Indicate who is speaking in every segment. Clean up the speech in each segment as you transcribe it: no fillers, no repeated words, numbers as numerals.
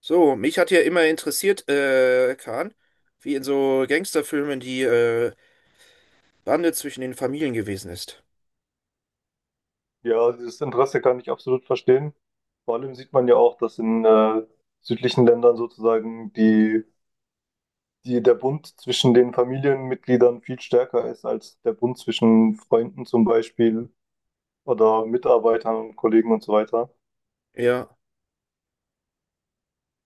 Speaker 1: So, mich hat ja immer interessiert, Kahn, wie in so Gangsterfilmen die Bande zwischen den Familien gewesen ist.
Speaker 2: Ja, dieses Interesse kann ich absolut verstehen. Vor allem sieht man ja auch, dass in südlichen Ländern sozusagen der Bund zwischen den Familienmitgliedern viel stärker ist als der Bund zwischen Freunden zum Beispiel oder Mitarbeitern und Kollegen und so weiter.
Speaker 1: Ja,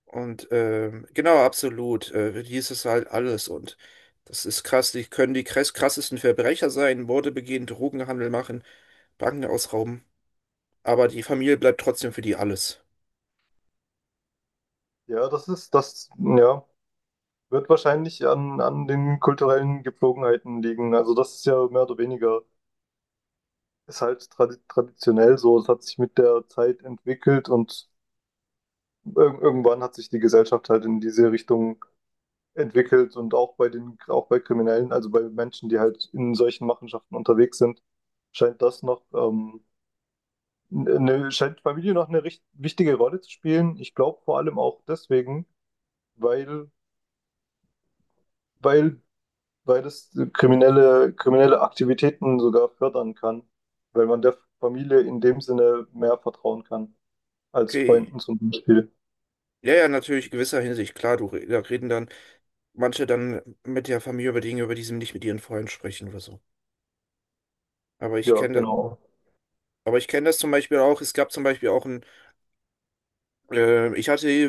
Speaker 1: und genau, absolut. Die ist es halt alles. Und das ist krass. Die können die krassesten Verbrecher sein, Morde begehen, Drogenhandel machen, Banken ausrauben. Aber die Familie bleibt trotzdem für die alles.
Speaker 2: Ja, wird wahrscheinlich an den kulturellen Gepflogenheiten liegen. Also das ist ja mehr oder weniger, ist halt traditionell so. Es hat sich mit der Zeit entwickelt und irgendwann hat sich die Gesellschaft halt in diese Richtung entwickelt und auch auch bei Kriminellen, also bei Menschen, die halt in solchen Machenschaften unterwegs sind, scheint scheint Familie noch eine recht wichtige Rolle zu spielen. Ich glaube vor allem auch deswegen, weil, weil, weil es kriminelle Aktivitäten sogar fördern kann, weil man der Familie in dem Sinne mehr vertrauen kann als
Speaker 1: Okay.
Speaker 2: Freunden zum Beispiel.
Speaker 1: Ja, ja, natürlich, in gewisser Hinsicht. Klar, du, da reden dann manche dann mit der Familie über Dinge, über die sie nicht mit ihren Freunden sprechen oder so. Aber ich
Speaker 2: Ja,
Speaker 1: kenne das.
Speaker 2: genau.
Speaker 1: Aber ich kenne das zum Beispiel auch. Es gab zum Beispiel auch ich hatte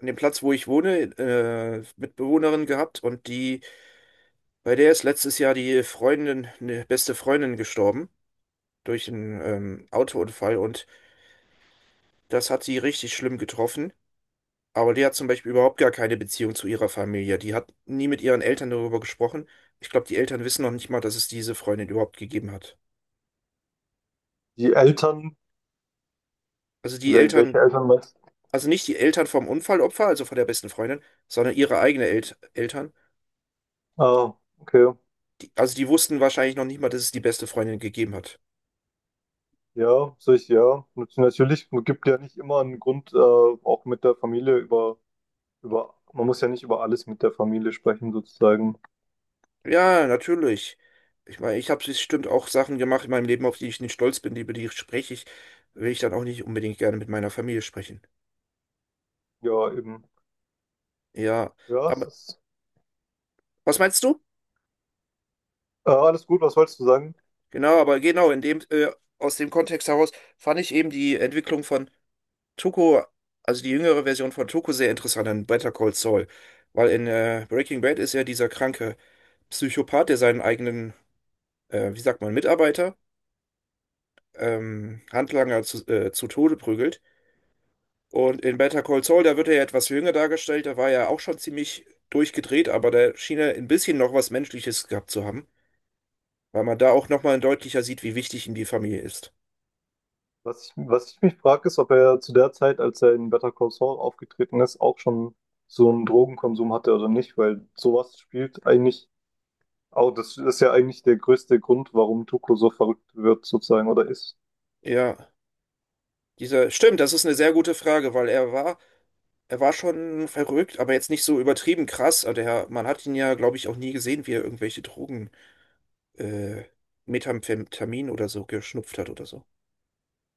Speaker 1: an dem Platz, wo ich wohne, Mitbewohnerin gehabt und die, bei der ist letztes Jahr die Freundin, eine beste Freundin gestorben durch einen Autounfall, und das hat sie richtig schlimm getroffen. Aber die hat zum Beispiel überhaupt gar keine Beziehung zu ihrer Familie. Die hat nie mit ihren Eltern darüber gesprochen. Ich glaube, die Eltern wissen noch nicht mal, dass es diese Freundin überhaupt gegeben hat.
Speaker 2: Die Eltern,
Speaker 1: Also die Eltern,
Speaker 2: welche Eltern meinst du?
Speaker 1: also nicht die Eltern vom Unfallopfer, also von der besten Freundin, sondern ihre eigenen El Eltern.
Speaker 2: Ah, okay.
Speaker 1: Die, also die wussten wahrscheinlich noch nicht mal, dass es die beste Freundin gegeben hat.
Speaker 2: Ja, sehe ja. Natürlich, man gibt ja nicht immer einen Grund, auch mit der Familie über, man muss ja nicht über alles mit der Familie sprechen, sozusagen.
Speaker 1: Ja, natürlich. Ich meine, ich habe bestimmt auch Sachen gemacht in meinem Leben, auf die ich nicht stolz bin, über die spreche ich, will ich dann auch nicht unbedingt gerne mit meiner Familie sprechen.
Speaker 2: Ja, eben.
Speaker 1: Ja,
Speaker 2: Ja, es
Speaker 1: aber
Speaker 2: ist
Speaker 1: was meinst du?
Speaker 2: Alles gut, was wolltest du sagen?
Speaker 1: Genau, aber genau, aus dem Kontext heraus fand ich eben die Entwicklung von Tuco, also die jüngere Version von Tuco, sehr interessant in Better Call Saul. Weil in Breaking Bad ist er dieser kranke Psychopath, der seinen wie sagt man, Mitarbeiter Handlanger zu Tode prügelt. Und in Better Call Saul, da wird er ja etwas jünger dargestellt, da war er auch schon ziemlich durchgedreht, aber da schien er ein bisschen noch was Menschliches gehabt zu haben, weil man da auch nochmal deutlicher sieht, wie wichtig ihm die Familie ist.
Speaker 2: Was ich mich frage, ist, ob er zu der Zeit, als er in Better Call Saul aufgetreten ist, auch schon so einen Drogenkonsum hatte oder nicht, weil sowas spielt eigentlich das ist ja eigentlich der größte Grund, warum Tuco so verrückt wird, sozusagen, oder ist.
Speaker 1: Ja, dieser, stimmt, das ist eine sehr gute Frage, weil er war schon verrückt, aber jetzt nicht so übertrieben krass. Also der, man hat ihn ja, glaube ich, auch nie gesehen, wie er irgendwelche äh, Methamphetamin oder so geschnupft hat oder so.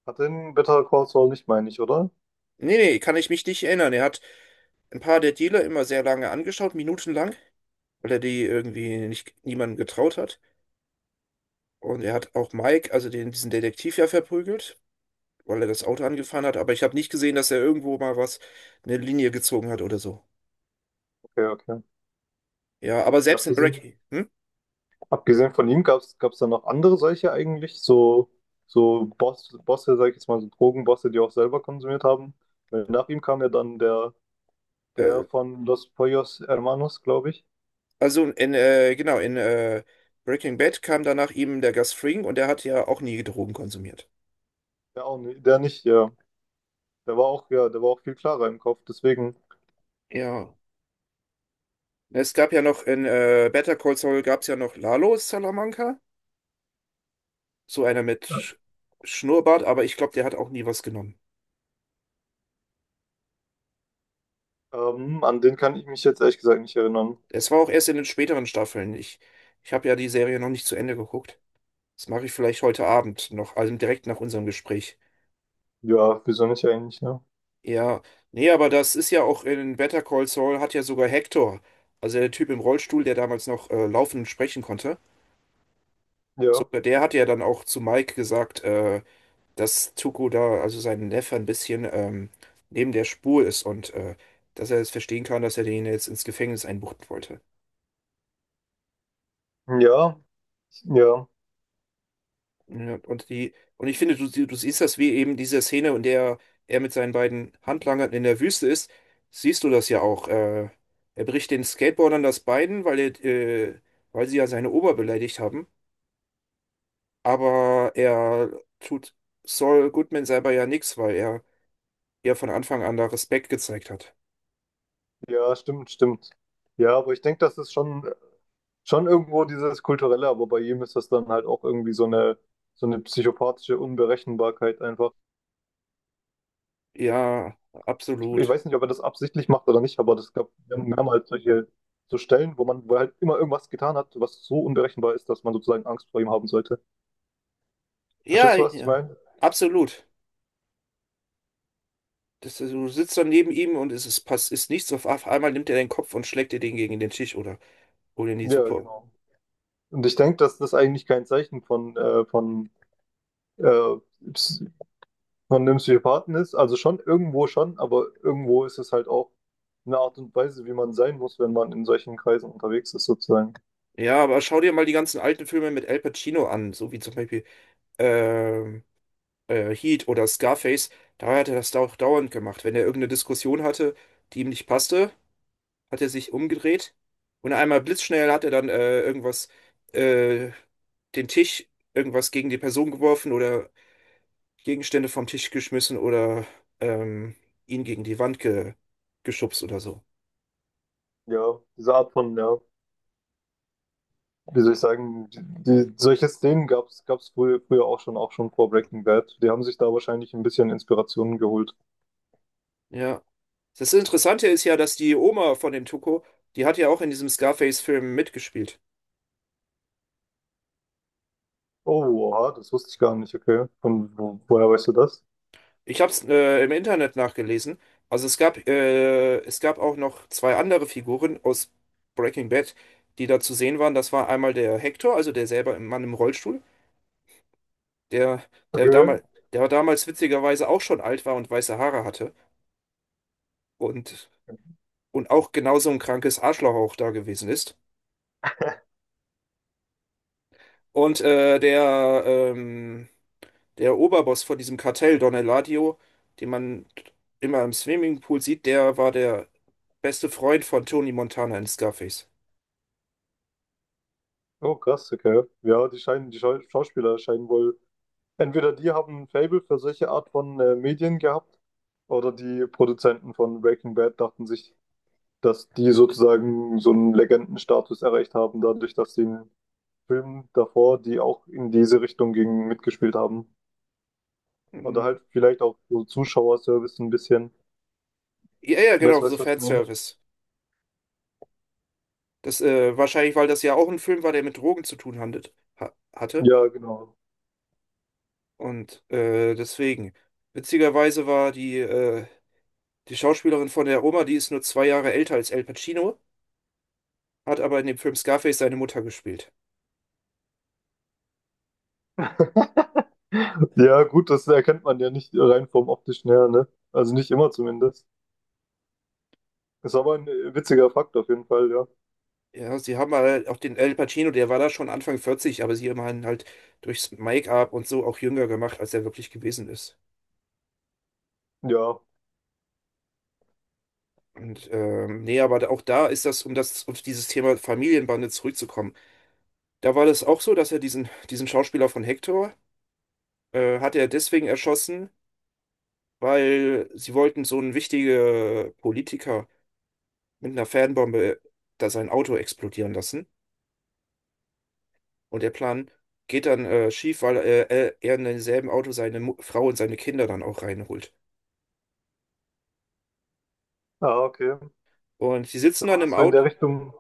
Speaker 2: Hat er in Better Call Saul nicht, meine ich, oder?
Speaker 1: Nee, nee, kann ich mich nicht erinnern. Er hat ein paar der Dealer immer sehr lange angeschaut, minutenlang, weil er die irgendwie nicht niemandem getraut hat. Und er hat auch Mike, also den, diesen Detektiv ja verprügelt, weil er das Auto angefahren hat. Aber ich habe nicht gesehen, dass er irgendwo eine Linie gezogen hat oder so.
Speaker 2: Okay, okay.
Speaker 1: Ja, aber selbst in
Speaker 2: Abgesehen
Speaker 1: Breaking, hm?
Speaker 2: Abgesehen von ihm gab es da noch andere solche eigentlich, so, Bosse, sag ich jetzt mal, so Drogenbosse, die auch selber konsumiert haben. Weil nach ihm kam ja dann der, der
Speaker 1: Äh,
Speaker 2: von Los Pollos Hermanos, glaube ich.
Speaker 1: genau, in Breaking Bad kam danach eben der Gus Fring, und der hat ja auch nie Drogen konsumiert.
Speaker 2: Ja, auch nicht, der nicht, ja. Der war auch, ja, der war auch viel klarer im Kopf. Deswegen,
Speaker 1: Ja. Es gab ja noch in Better Call Saul gab es ja noch Lalo Salamanca. So einer mit Schnurrbart, aber ich glaube, der hat auch nie was genommen.
Speaker 2: an den kann ich mich jetzt ehrlich gesagt nicht erinnern.
Speaker 1: Es war auch erst in den späteren Staffeln. Ich habe ja die Serie noch nicht zu Ende geguckt. Das mache ich vielleicht heute Abend noch, also direkt nach unserem Gespräch.
Speaker 2: Ja, wieso nicht eigentlich, ne?
Speaker 1: Ja, nee, aber das ist ja auch in Better Call Saul hat ja sogar Hector, also der Typ im Rollstuhl, der damals noch laufen und sprechen konnte,
Speaker 2: Ja.
Speaker 1: sogar der hat ja dann auch zu Mike gesagt, dass Tuco da, also sein Neffe, ein bisschen neben der Spur ist, und dass er es verstehen kann, dass er den jetzt ins Gefängnis einbuchten wollte.
Speaker 2: Ja. Ja.
Speaker 1: Ja, und die, und ich finde, du, du siehst das wie eben diese Szene, in der er mit seinen beiden Handlangern in der Wüste ist, siehst du das ja auch. Er bricht den Skateboardern das Bein, weil sie ja seine Ober beleidigt haben. Aber er tut Saul Goodman selber ja nichts, weil er ja von Anfang an da Respekt gezeigt hat.
Speaker 2: Ja, stimmt, stimmt. Ja, aber ich denke, schon irgendwo dieses Kulturelle, aber bei jedem ist das dann halt auch irgendwie so eine psychopathische Unberechenbarkeit einfach.
Speaker 1: Ja,
Speaker 2: Ich
Speaker 1: absolut.
Speaker 2: weiß nicht, ob er das absichtlich macht oder nicht, aber das gab mehrmals solche so Stellen, wo er halt immer irgendwas getan hat, was so unberechenbar ist, dass man sozusagen Angst vor ihm haben sollte.
Speaker 1: Ja,
Speaker 2: Verstehst du, was ich
Speaker 1: ja,
Speaker 2: meine?
Speaker 1: absolut. Das, du sitzt dann neben ihm, und es ist, pass, ist nichts. Auf einmal nimmt er den Kopf und schlägt dir den gegen den Tisch, oder? Hol in die
Speaker 2: Ja,
Speaker 1: Suppe.
Speaker 2: genau. Und ich denke, dass das eigentlich kein Zeichen von, äh, von einem Psychopathen ist, also schon irgendwo schon, aber irgendwo ist es halt auch eine Art und Weise, wie man sein muss, wenn man in solchen Kreisen unterwegs ist, sozusagen.
Speaker 1: Ja, aber schau dir mal die ganzen alten Filme mit Al Pacino an, so wie zum Beispiel ähm, Heat oder Scarface. Da hat er das auch dauernd gemacht. Wenn er irgendeine Diskussion hatte, die ihm nicht passte, hat er sich umgedreht und einmal blitzschnell hat er dann äh, den Tisch, irgendwas gegen die Person geworfen oder Gegenstände vom Tisch geschmissen oder ähm, ihn gegen die Wand ge geschubst oder so.
Speaker 2: Ja, diese Art von, ja, wie soll ich sagen, solche Szenen gab's früher, auch schon vor Breaking Bad. Die haben sich da wahrscheinlich ein bisschen Inspirationen geholt.
Speaker 1: Ja. Das Interessante ist ja, dass die Oma von dem Tuco, die hat ja auch in diesem Scarface-Film mitgespielt.
Speaker 2: Oh, oha, das wusste ich gar nicht, okay. Woher weißt du das?
Speaker 1: Ich habe es im Internet nachgelesen. Also es es gab auch noch zwei andere Figuren aus Breaking Bad, die da zu sehen waren. Das war einmal der Hector, also der selber im Mann im Rollstuhl, der, der
Speaker 2: Okay.
Speaker 1: damals, der damals witzigerweise auch schon alt war und weiße Haare hatte, und, und auch genauso ein krankes Arschloch auch da gewesen ist. Und der Oberboss von diesem Kartell, Don Eladio, den man immer im Swimmingpool sieht, der war der beste Freund von Tony Montana in Scarface.
Speaker 2: Oh, krass, okay. Ja, die scheinen, die Schauspieler scheinen wohl entweder die haben, ein Faible für solche Art von Medien gehabt oder die Produzenten von Breaking Bad dachten sich, dass die sozusagen so einen Legendenstatus erreicht haben, dadurch, dass sie in Filmen davor, die auch in diese Richtung gingen, mitgespielt haben. Oder
Speaker 1: Mhm.
Speaker 2: halt vielleicht auch so Zuschauerservice ein bisschen.
Speaker 1: Ja, ja, genau, so
Speaker 2: Weißt du, was ich meine?
Speaker 1: Fanservice. Wahrscheinlich, weil das ja auch ein Film war, der mit Drogen zu tun ha hatte.
Speaker 2: Ja, genau.
Speaker 1: Und deswegen. Witzigerweise war die Schauspielerin von der Oma, die ist nur zwei Jahre älter als Al Pacino, hat aber in dem Film Scarface seine Mutter gespielt.
Speaker 2: Ja, gut, das erkennt man ja nicht rein vom Optischen her, ne? Also nicht immer zumindest. Ist aber ein witziger Fakt auf jeden Fall, ja.
Speaker 1: Ja, sie haben halt auch den Al Pacino, der war da schon Anfang 40, aber sie haben ihn halt durchs Make-up und so auch jünger gemacht, als er wirklich gewesen ist.
Speaker 2: Ja.
Speaker 1: Und nee, aber auch da ist das, um das, auf dieses Thema Familienbande zurückzukommen. Da war das auch so, dass er diesen Schauspieler von Hector, hat er deswegen erschossen, weil sie wollten so einen wichtigen Politiker mit einer Fanbombe da sein Auto explodieren lassen. Und der Plan geht dann schief, weil er in demselben Auto seine Mu Frau und seine Kinder dann auch reinholt.
Speaker 2: Ah, okay.
Speaker 1: Und sie
Speaker 2: Da
Speaker 1: sitzen dann im
Speaker 2: hast du in
Speaker 1: Auto
Speaker 2: der Richtung,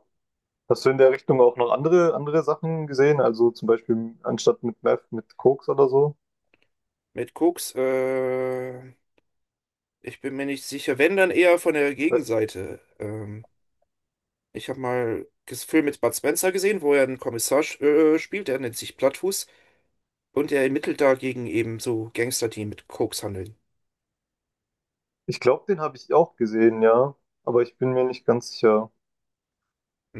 Speaker 2: hast du in der Richtung auch noch andere Sachen gesehen? Also zum Beispiel anstatt mit Meth, mit Koks oder so?
Speaker 1: mit Koks. Ich bin mir nicht sicher, wenn dann eher von der
Speaker 2: Weil
Speaker 1: Gegenseite. Ich habe mal einen Film mit Bud Spencer gesehen, wo er einen Kommissar spielt, der nennt sich Plattfuß. Und er ermittelt dagegen eben so Gangster, die mit Koks handeln.
Speaker 2: ich glaube, den habe ich auch gesehen, ja. Aber ich bin mir nicht ganz sicher.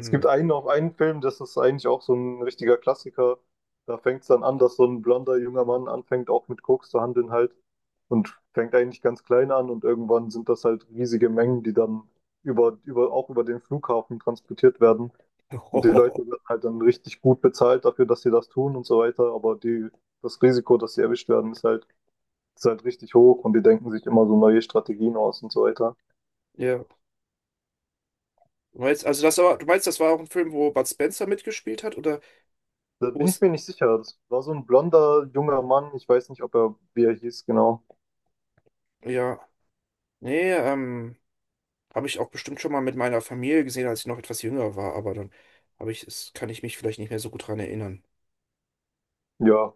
Speaker 2: Es gibt einen Film, das ist eigentlich auch so ein richtiger Klassiker. Da fängt es dann an, dass so ein blonder junger Mann anfängt, auch mit Koks zu handeln halt. Und fängt eigentlich ganz klein an und irgendwann sind das halt riesige Mengen, die dann auch über den Flughafen transportiert werden. Und die Leute werden halt dann richtig gut bezahlt dafür, dass sie das tun und so weiter. Aber die, das Risiko, dass sie erwischt werden, ist halt richtig hoch und die denken sich immer so neue Strategien aus und so weiter.
Speaker 1: Ja. Du meinst, also das war, du meinst, das war auch ein Film, wo Bud Spencer mitgespielt hat? Oder
Speaker 2: Da
Speaker 1: wo
Speaker 2: bin ich
Speaker 1: es.
Speaker 2: mir nicht sicher. Das war so ein blonder, junger Mann. Ich weiß nicht, ob er, wie er hieß, genau.
Speaker 1: Ja. Nee. Habe ich auch bestimmt schon mal mit meiner Familie gesehen, als ich noch etwas jünger war, aber dann habe ich es, kann ich mich vielleicht nicht mehr so gut dran erinnern.
Speaker 2: Ja,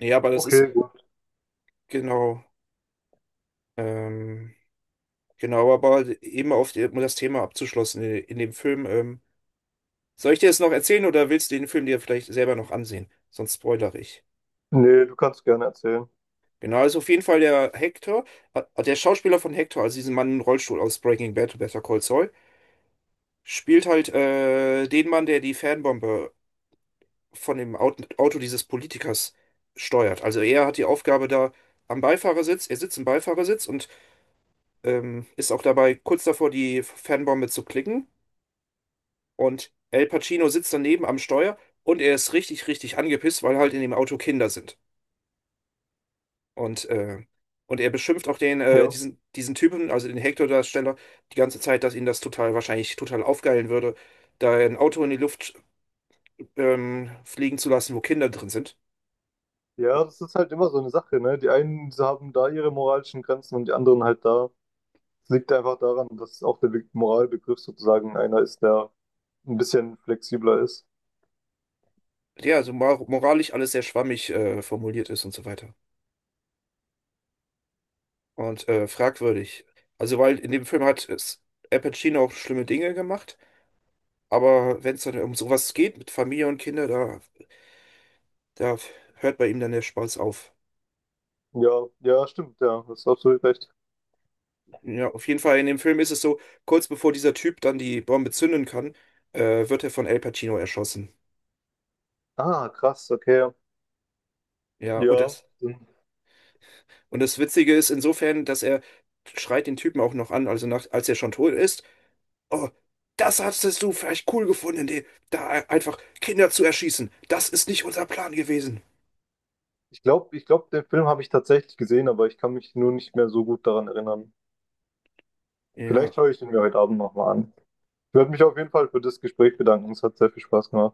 Speaker 1: Ja, aber das ist
Speaker 2: okay, gut.
Speaker 1: genau, ähm, genau, aber eben auf die, um das Thema abzuschlossen in dem Film. Soll ich dir das noch erzählen oder willst du den Film dir vielleicht selber noch ansehen? Sonst spoilere ich.
Speaker 2: Nee, du kannst gerne erzählen.
Speaker 1: Genau, also auf jeden Fall der Hector, der Schauspieler von Hector, also diesen Mann im Rollstuhl aus Breaking Bad, Better Call Saul, spielt halt den Mann, der die Fernbombe von dem Auto dieses Politikers steuert. Also er hat die Aufgabe da am Beifahrersitz, er sitzt im Beifahrersitz und ist auch dabei kurz davor, die Fernbombe zu klicken. Und Al Pacino sitzt daneben am Steuer, und er ist richtig, richtig angepisst, weil halt in dem Auto Kinder sind. Und, äh, und er beschimpft auch
Speaker 2: Ja.
Speaker 1: diesen Typen, also den Hector-Darsteller, die ganze Zeit, dass ihn das total wahrscheinlich total aufgeilen würde, da ein Auto in die Luft fliegen zu lassen, wo Kinder drin sind.
Speaker 2: Ja, das ist halt immer so eine Sache, ne? Die einen haben da ihre moralischen Grenzen und die anderen halt da. Es liegt einfach daran, dass auch der Moralbegriff sozusagen einer ist, der ein bisschen flexibler ist.
Speaker 1: Ja, also moralisch alles sehr schwammig formuliert ist und so weiter. Und fragwürdig. Also, weil in dem Film hat es Al Pacino auch schlimme Dinge gemacht, aber wenn es dann um sowas geht mit Familie und Kinder, da hört bei ihm dann der Spaß auf.
Speaker 2: Ja, ja, stimmt, ja, hast absolut recht.
Speaker 1: Ja, auf jeden Fall in dem Film ist es so, kurz bevor dieser Typ dann die Bombe zünden kann, wird er von Al Pacino erschossen.
Speaker 2: Ah, krass, okay.
Speaker 1: Ja,
Speaker 2: Ja,
Speaker 1: und das Witzige ist insofern, dass er schreit den Typen auch noch an, also nach, als er schon tot ist. Oh, das hattest du vielleicht cool gefunden, die, da einfach Kinder zu erschießen. Das ist nicht unser Plan gewesen.
Speaker 2: ich glaube, ich glaube, den Film habe ich tatsächlich gesehen, aber ich kann mich nur nicht mehr so gut daran erinnern. Vielleicht
Speaker 1: Ja.
Speaker 2: schaue ich den mir heute Abend nochmal an. Ich werde mich auf jeden Fall für das Gespräch bedanken. Es hat sehr viel Spaß gemacht.